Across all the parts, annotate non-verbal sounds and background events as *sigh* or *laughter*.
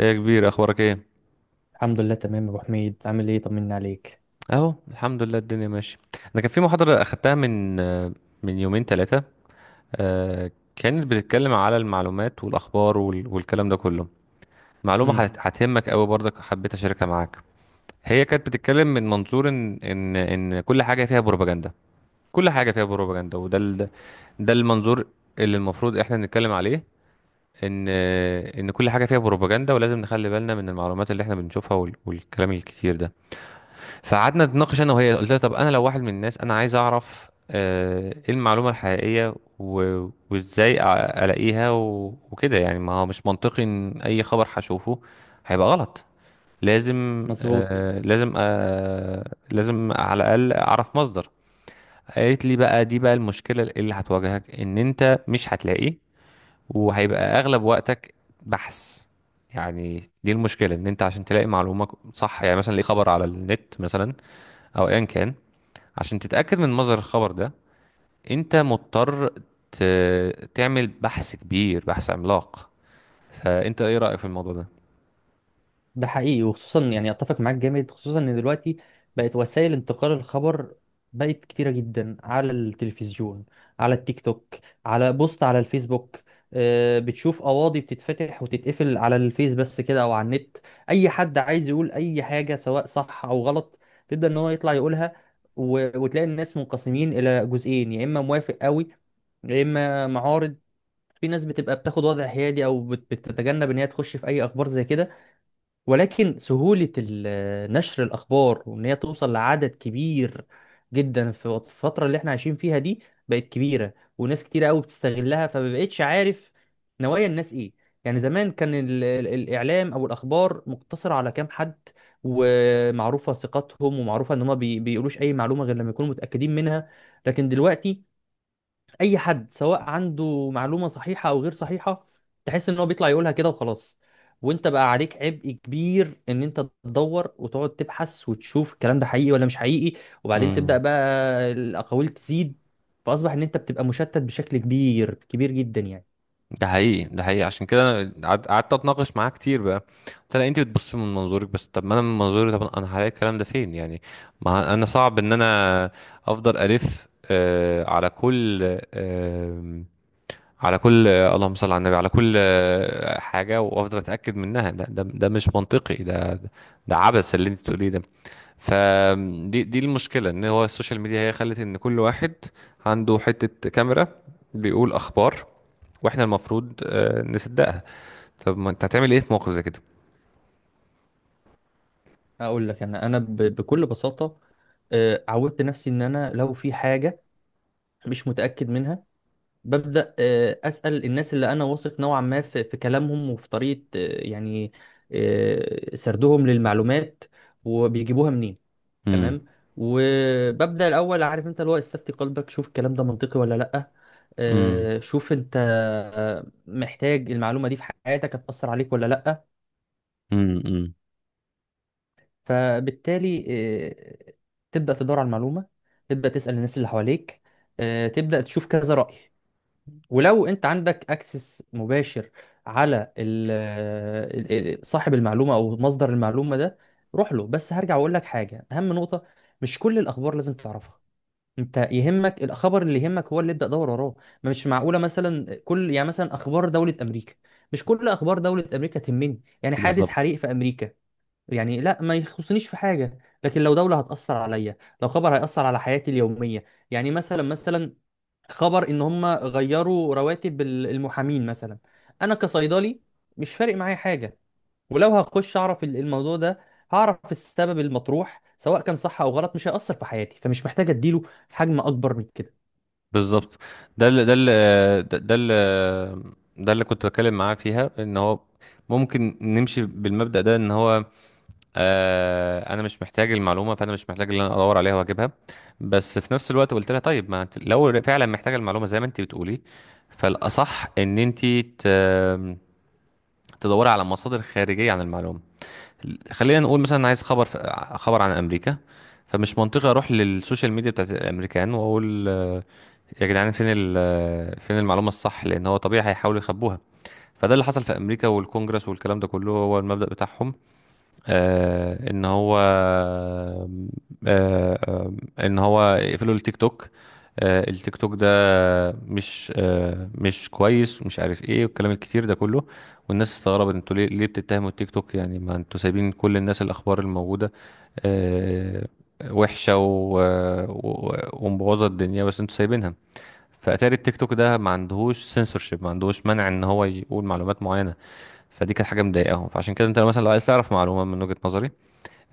ايه يا كبير اخبارك ايه؟ الحمد لله تمام يا ابو حميد، عامل ايه؟ طمني عليك. اهو الحمد لله الدنيا ماشيه. انا كان في محاضره اخدتها من يومين ثلاثه، كانت بتتكلم على المعلومات والاخبار والكلام ده كله. معلومه امم. هتهمك قوي برضك، حبيت اشاركها معاك. هي كانت بتتكلم من منظور ان كل حاجه فيها بروباجندا، كل حاجه فيها بروباجندا. ده المنظور اللي المفروض احنا نتكلم عليه، ان كل حاجه فيها بروباجندا، ولازم نخلي بالنا من المعلومات اللي احنا بنشوفها والكلام الكتير ده. فقعدنا نتناقش انا وهي، قلت لها طب انا لو واحد من الناس انا عايز اعرف ايه المعلومه الحقيقيه وازاي الاقيها وكده، يعني ما هو مش منطقي ان اي خبر هشوفه هيبقى غلط. لازم مظبوط. آه، لازم آه، لازم على الاقل اعرف مصدر. قالت لي بقى دي بقى المشكله اللي هتواجهك، ان انت مش هتلاقي، وهيبقى اغلب وقتك بحث. يعني دي المشكله، ان انت عشان تلاقي معلومه صح، يعني مثلا ليه خبر على النت مثلا او ايا كان، عشان تتأكد من مصدر الخبر ده انت مضطر ت... تعمل بحث كبير، بحث عملاق. فانت ايه رأيك في الموضوع ده؟ ده حقيقي وخصوصا يعني اتفق معاك جامد، خصوصا ان دلوقتي بقت وسائل انتقال الخبر بقت كتيره جدا، على التلفزيون، على التيك توك، على بوست على الفيسبوك. بتشوف قواضي بتتفتح وتتقفل على الفيس بس كده او على النت. اي حد عايز يقول اي حاجه سواء صح او غلط تبدا ان هو يطلع يقولها، وتلاقي الناس منقسمين الى جزئين، يا اما موافق قوي يا اما معارض. في ناس بتبقى بتاخد وضع حيادي او بتتجنب ان هي تخش في اي اخبار زي كده. ولكن سهولة نشر الاخبار وان هي توصل لعدد كبير جدا في الفترة اللي احنا عايشين فيها دي بقت كبيرة، وناس كتيرة قوي بتستغلها، فما بقتش عارف نوايا الناس ايه. يعني زمان كان الاعلام او الاخبار مقتصرة على كام حد، ومعروفة ثقتهم ومعروفة ان هم بيقولوش اي معلومة غير لما يكونوا متأكدين منها. لكن دلوقتي اي حد سواء عنده معلومه صحيحه او غير صحيحه تحس ان هو بيطلع يقولها كده وخلاص. وانت بقى عليك عبء كبير ان انت تدور وتقعد تبحث وتشوف الكلام ده حقيقي ولا مش حقيقي، وبعدين تبدا امم. بقى الاقاويل تزيد، فاصبح ان انت بتبقى مشتت بشكل كبير كبير جدا يعني. ده حقيقي، ده حقيقي. عشان كده انا قعدت اتناقش معاه كتير بقى. قلت لها انت بتبص من منظورك بس، طب ما انا من منظوري، طب انا هلاقي الكلام ده فين يعني؟ ما انا صعب ان انا افضل الف آه على كل آه، على كل، اللهم صل على النبي، على كل حاجة وافضل اتأكد منها، ده مش منطقي، ده ده عبث اللي انت بتقوليه ده. فدي المشكلة، ان هو السوشيال ميديا هي خلت ان كل واحد عنده حتة كاميرا بيقول اخبار، واحنا المفروض نصدقها. طب ما انت هتعمل ايه في موقف زي كده؟ اقول لك، انا بكل بساطه، عودت نفسي ان انا لو في حاجه مش متاكد منها ببدأ أسأل الناس اللي أنا واثق نوعا ما في كلامهم، وفي طريقة يعني سردهم للمعلومات، وبيجيبوها منين. امم. تمام. وببدأ الأول، عارف أنت، اللي هو استفتي قلبك، شوف الكلام ده منطقي ولا لأ. امم. شوف أنت محتاج المعلومة دي في حياتك، هتأثر عليك ولا لأ. امم. فبالتالي آه، تبدأ تدور على المعلومة، تبدأ تسأل الناس اللي حواليك، تبدأ تشوف كذا رأي. ولو انت عندك اكسس مباشر على ال- صاحب المعلومه او مصدر المعلومه ده، روح له. بس هرجع واقول لك حاجه، اهم نقطه، مش كل الاخبار لازم تعرفها. انت يهمك الخبر، اللي يهمك هو اللي ابدا دور وراه. ما مش معقوله مثلا كل يعني مثلا اخبار دوله امريكا. مش كل اخبار دوله امريكا تهمني. يعني حادث بالظبط، حريق في امريكا يعني لا، ما يخصنيش في حاجه. لكن لو دوله هتاثر عليا، لو خبر هياثر على حياتي اليوميه، يعني مثلا خبر ان هم غيروا رواتب المحامين مثلا، انا كصيدلي مش فارق معايا حاجه. ولو هخش اعرف الموضوع ده، هعرف السبب المطروح سواء كان صح او غلط، مش هيأثر في حياتي، فمش محتاج اديله حجم اكبر من كده. بالظبط. ده اللي ده اللي ده اللي ده اللي كنت بتكلم معاه فيها، ان هو ممكن نمشي بالمبدأ ده، ان هو آه، انا مش محتاج المعلومة، فانا مش محتاج ان انا ادور عليها واجيبها. بس في نفس الوقت قلت لها طيب ما انت لو فعلا محتاجة المعلومة زي ما انت بتقولي، فالاصح ان انت ت- تدوري على مصادر خارجية عن المعلومة. خلينا نقول مثلا عايز خبر خبر عن امريكا، فمش منطقي اروح للسوشيال ميديا بتاعت الامريكان واقول يا جدعان فين المعلومة الصح، لأن هو طبيعي هيحاولوا يخبوها. فده اللي حصل في أمريكا والكونجرس والكلام ده كله، هو المبدأ بتاعهم. آه إن هو آه، آه، إن هو يقفلوا التيك توك. آه التيك توك ده مش آه، مش كويس، مش عارف إيه، والكلام الكتير ده كله. والناس استغربت، أنتوا ليه ليه بتتهموا التيك توك؟ يعني ما أنتوا سايبين كل الناس، الأخبار الموجودة آه وحشة ومبوظة الدنيا بس أنتوا سايبينها. فاتاري التيك توك ده ما عندهوش سنسورشيب، ما عندهوش منع ان هو يقول معلومات معينه. فدي كانت حاجه مضايقاهم. فعشان كده انت لو مثلا لو عايز تعرف معلومه من وجهه نظري،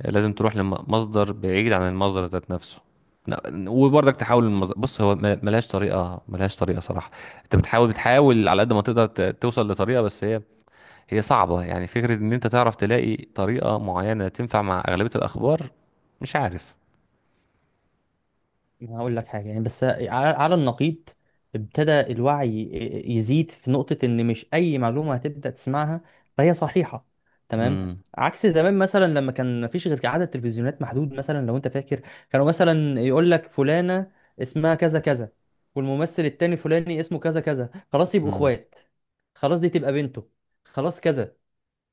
لازم تروح لمصدر بعيد عن المصدر ذات نفسه. وبرضك تحاول المصدر، بص هو ملهاش طريقه، ملهاش طريقه صراحه. انت بتحاول على قد ما تقدر توصل لطريقه، بس هي صعبه، يعني فكره ان انت تعرف تلاقي طريقه معينه تنفع مع اغلبيه الاخبار، مش عارف. ما هقول لك حاجة يعني، بس على النقيض، ابتدى الوعي يزيد في نقطة إن مش أي معلومة هتبدأ تسمعها فهي صحيحة. تمام. امم. عكس زمان مثلا لما كان مفيش غير عدد تلفزيونات محدود. مثلا لو أنت فاكر، كانوا مثلا يقول لك فلانة اسمها كذا كذا، والممثل التاني فلاني اسمه كذا كذا، خلاص يبقوا امم. إخوات، خلاص دي تبقى بنته، خلاص كذا.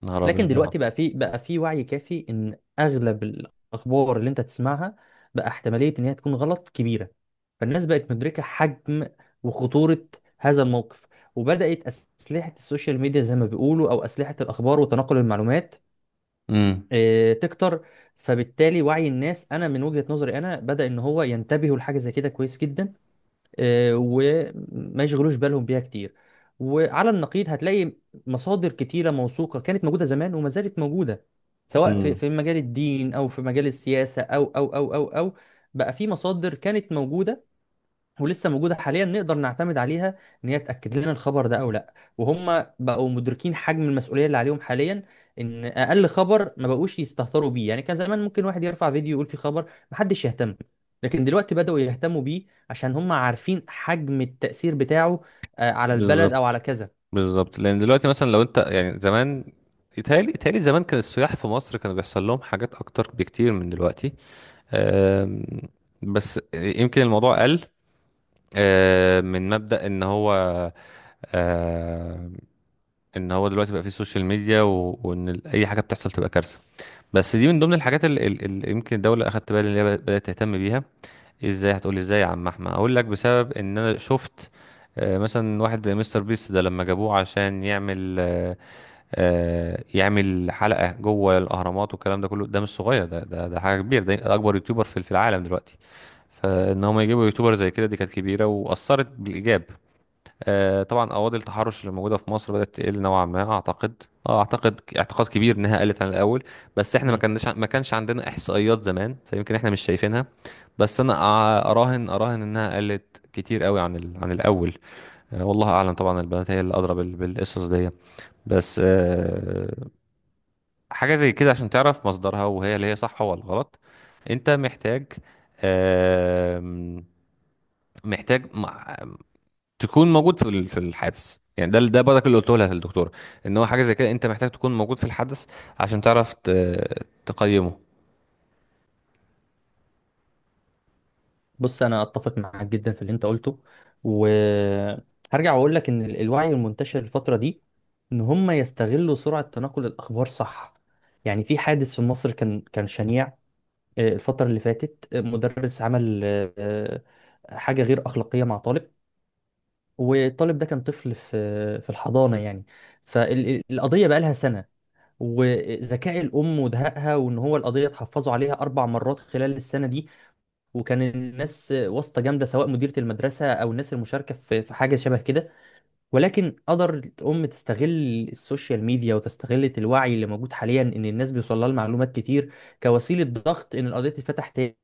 نهار لكن ابيض. دلوقتي بقى في وعي كافي إن أغلب الأخبار اللي أنت تسمعها بقى احتمالية إن هي تكون غلط كبيرة. فالناس بقت مدركة حجم وخطورة هذا الموقف، وبدأت أسلحة السوشيال ميديا زي ما بيقولوا، أو أسلحة الأخبار وتناقل المعلومات امم. تكتر. فبالتالي وعي الناس، أنا من وجهة نظري أنا، بدأ إن هو ينتبهوا لحاجة زي كده، كويس جدا، وما يشغلوش بالهم بيها كتير. وعلى النقيض هتلاقي مصادر كتيرة موثوقة كانت موجودة زمان وما زالت موجودة، سواء في امم. في مجال الدين أو في مجال السياسة أو بقى في مصادر كانت موجودة ولسه موجوده حاليا نقدر نعتمد عليها، ان هي تاكد لنا الخبر ده او لا. وهم بقوا مدركين حجم المسؤوليه اللي عليهم حاليا، ان اقل خبر ما بقوش يستهتروا بيه. يعني كان زمان ممكن واحد يرفع فيديو يقول فيه خبر، محدش يهتم. لكن دلوقتي بداوا يهتموا بيه، عشان هم عارفين حجم التاثير بتاعه على البلد او بالظبط، على كذا. بالظبط. لان دلوقتي مثلا لو انت يعني زمان، يتهيألي زمان كان السياح في مصر كانوا بيحصل لهم حاجات اكتر بكتير من دلوقتي. أم، بس يمكن الموضوع قل، من مبدأ ان هو، أم، ان هو دلوقتي بقى فيه سوشيال ميديا، وان اي حاجه بتحصل تبقى كارثه. بس دي من ضمن الحاجات اللي يمكن الدوله اخدت بالي ان هي بدات تهتم بيها. ازاي هتقولي؟ ازاي يا عم احمد؟ اقول لك، بسبب ان انا شفت مثلا واحد زي مستر بيست ده لما جابوه عشان يعمل يعمل حلقة جوه الأهرامات والكلام ده كله. ده مش صغير، ده حاجة كبيرة، ده أكبر يوتيوبر في في العالم دلوقتي. فإن هم يجيبوا يوتيوبر زي كده، دي كانت كبيرة وأثرت بالإيجاب. طبعا أواضي التحرش اللي موجودة في مصر بدأت تقل نوعا ما أعتقد. اه اعتقد اعتقاد كبير انها قلت عن الاول، بس احنا ما كناش، ما كانش عندنا احصائيات زمان، فيمكن احنا مش شايفينها. بس انا اراهن، اراهن انها قلت كتير قوي عن عن الاول. والله اعلم، طبعا البنات هي اللي ادرى بالقصص دي. بس حاجة زي كده عشان تعرف مصدرها، وهي اللي هي صح ولا غلط، انت محتاج، آم، محتاج تكون موجود في في الحادث. يعني ده ده برضك اللي قلته لها الدكتورة، ان هو حاجة زي كده انت محتاج تكون موجود في الحدث عشان تعرف تقيمه. بص، انا اتفق معاك جدا في اللي انت قلته، وهرجع واقول لك ان الوعي المنتشر الفتره دي ان هم يستغلوا سرعه تناقل الاخبار، صح. يعني في حادث في مصر كان شنيع، الفتره اللي فاتت، مدرس عمل حاجه غير اخلاقيه مع طالب. والطالب ده كان طفل في الحضانه يعني. فالقضيه بقى لها سنه، وذكاء الام ودهائها، وان هو القضيه اتحفظوا عليها 4 مرات خلال السنه دي. وكان الناس واسطة جامدة، سواء مديرة المدرسة أو الناس المشاركة في حاجة شبه كده. ولكن قدر الأم تستغل السوشيال ميديا وتستغل الوعي اللي موجود حاليا، إن الناس بيوصل لها المعلومات كتير، كوسيلة ضغط إن القضية تتفتح تاني.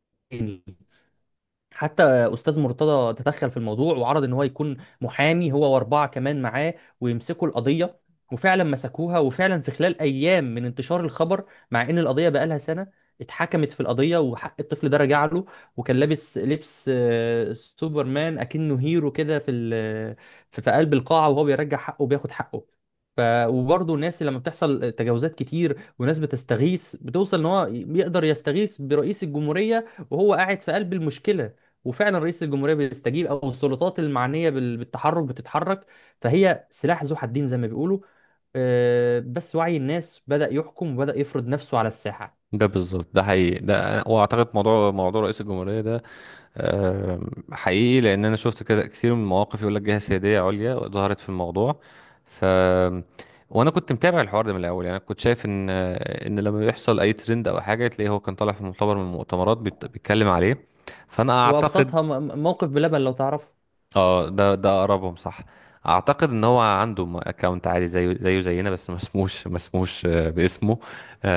حتى استاذ مرتضى تدخل في الموضوع، وعرض ان هو يكون محامي هو واربعه كمان معاه ويمسكوا القضيه. وفعلا مسكوها، وفعلا في خلال ايام من انتشار الخبر، مع ان القضيه بقالها سنه، اتحكمت في القضيه وحق الطفل ده رجع له. وكان لابس لبس سوبرمان، اكنه هيرو كده في ال- في في قلب القاعه، وهو بيرجع حقه وبياخد حقه. ف وبرضه الناس اللي لما بتحصل تجاوزات كتير وناس بتستغيث، بتوصل ان هو يقدر يستغيث برئيس الجمهوريه وهو قاعد في قلب المشكله، وفعلا رئيس الجمهوريه بيستجيب، او السلطات المعنيه بالتحرك بتتحرك. فهي سلاح ذو حدين زي ما بيقولوا، بس وعي الناس بدأ يحكم وبدأ يفرض نفسه على الساحه. ده بالظبط، ده حقيقي. ده واعتقد موضوع رئيس الجمهورية ده آه، حقيقي، لان انا شفت كده كتير من المواقف، يقول لك جهه سياديه عليا ظهرت في الموضوع. ف وانا كنت متابع الحوار ده من الاول، يعني أنا كنت شايف ان لما بيحصل اي ترند او حاجه تلاقيه هو كان طالع في مؤتمر من المؤتمرات بيتكلم عليه. فانا اعتقد، وابسطها موقف بلبن لو تعرفه. اه ده ده اقربهم صح. اعتقد ان هو عنده اكونت عادي زيه زيه زينا، بس ما اسموش باسمه.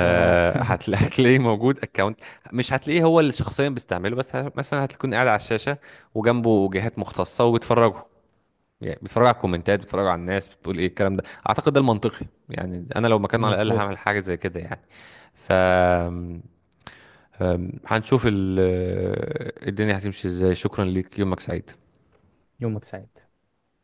اه *laughs* هتلاقيه موجود اكونت، مش هتلاقيه هو اللي شخصيا بيستعمله، بس مثلا هتكون قاعد على الشاشه وجنبه جهات مختصه وبيتفرجوا. يعني بيتفرجوا على الكومنتات، بيتفرجوا على الناس بتقول ايه الكلام ده. اعتقد ده المنطقي، يعني انا لو مكانه على الاقل هعمل مظبوط. حاجه زي كده يعني. ف آم، هنشوف الدنيا هتمشي ازاي. شكرا ليك، يومك سعيد. يومك سعيد.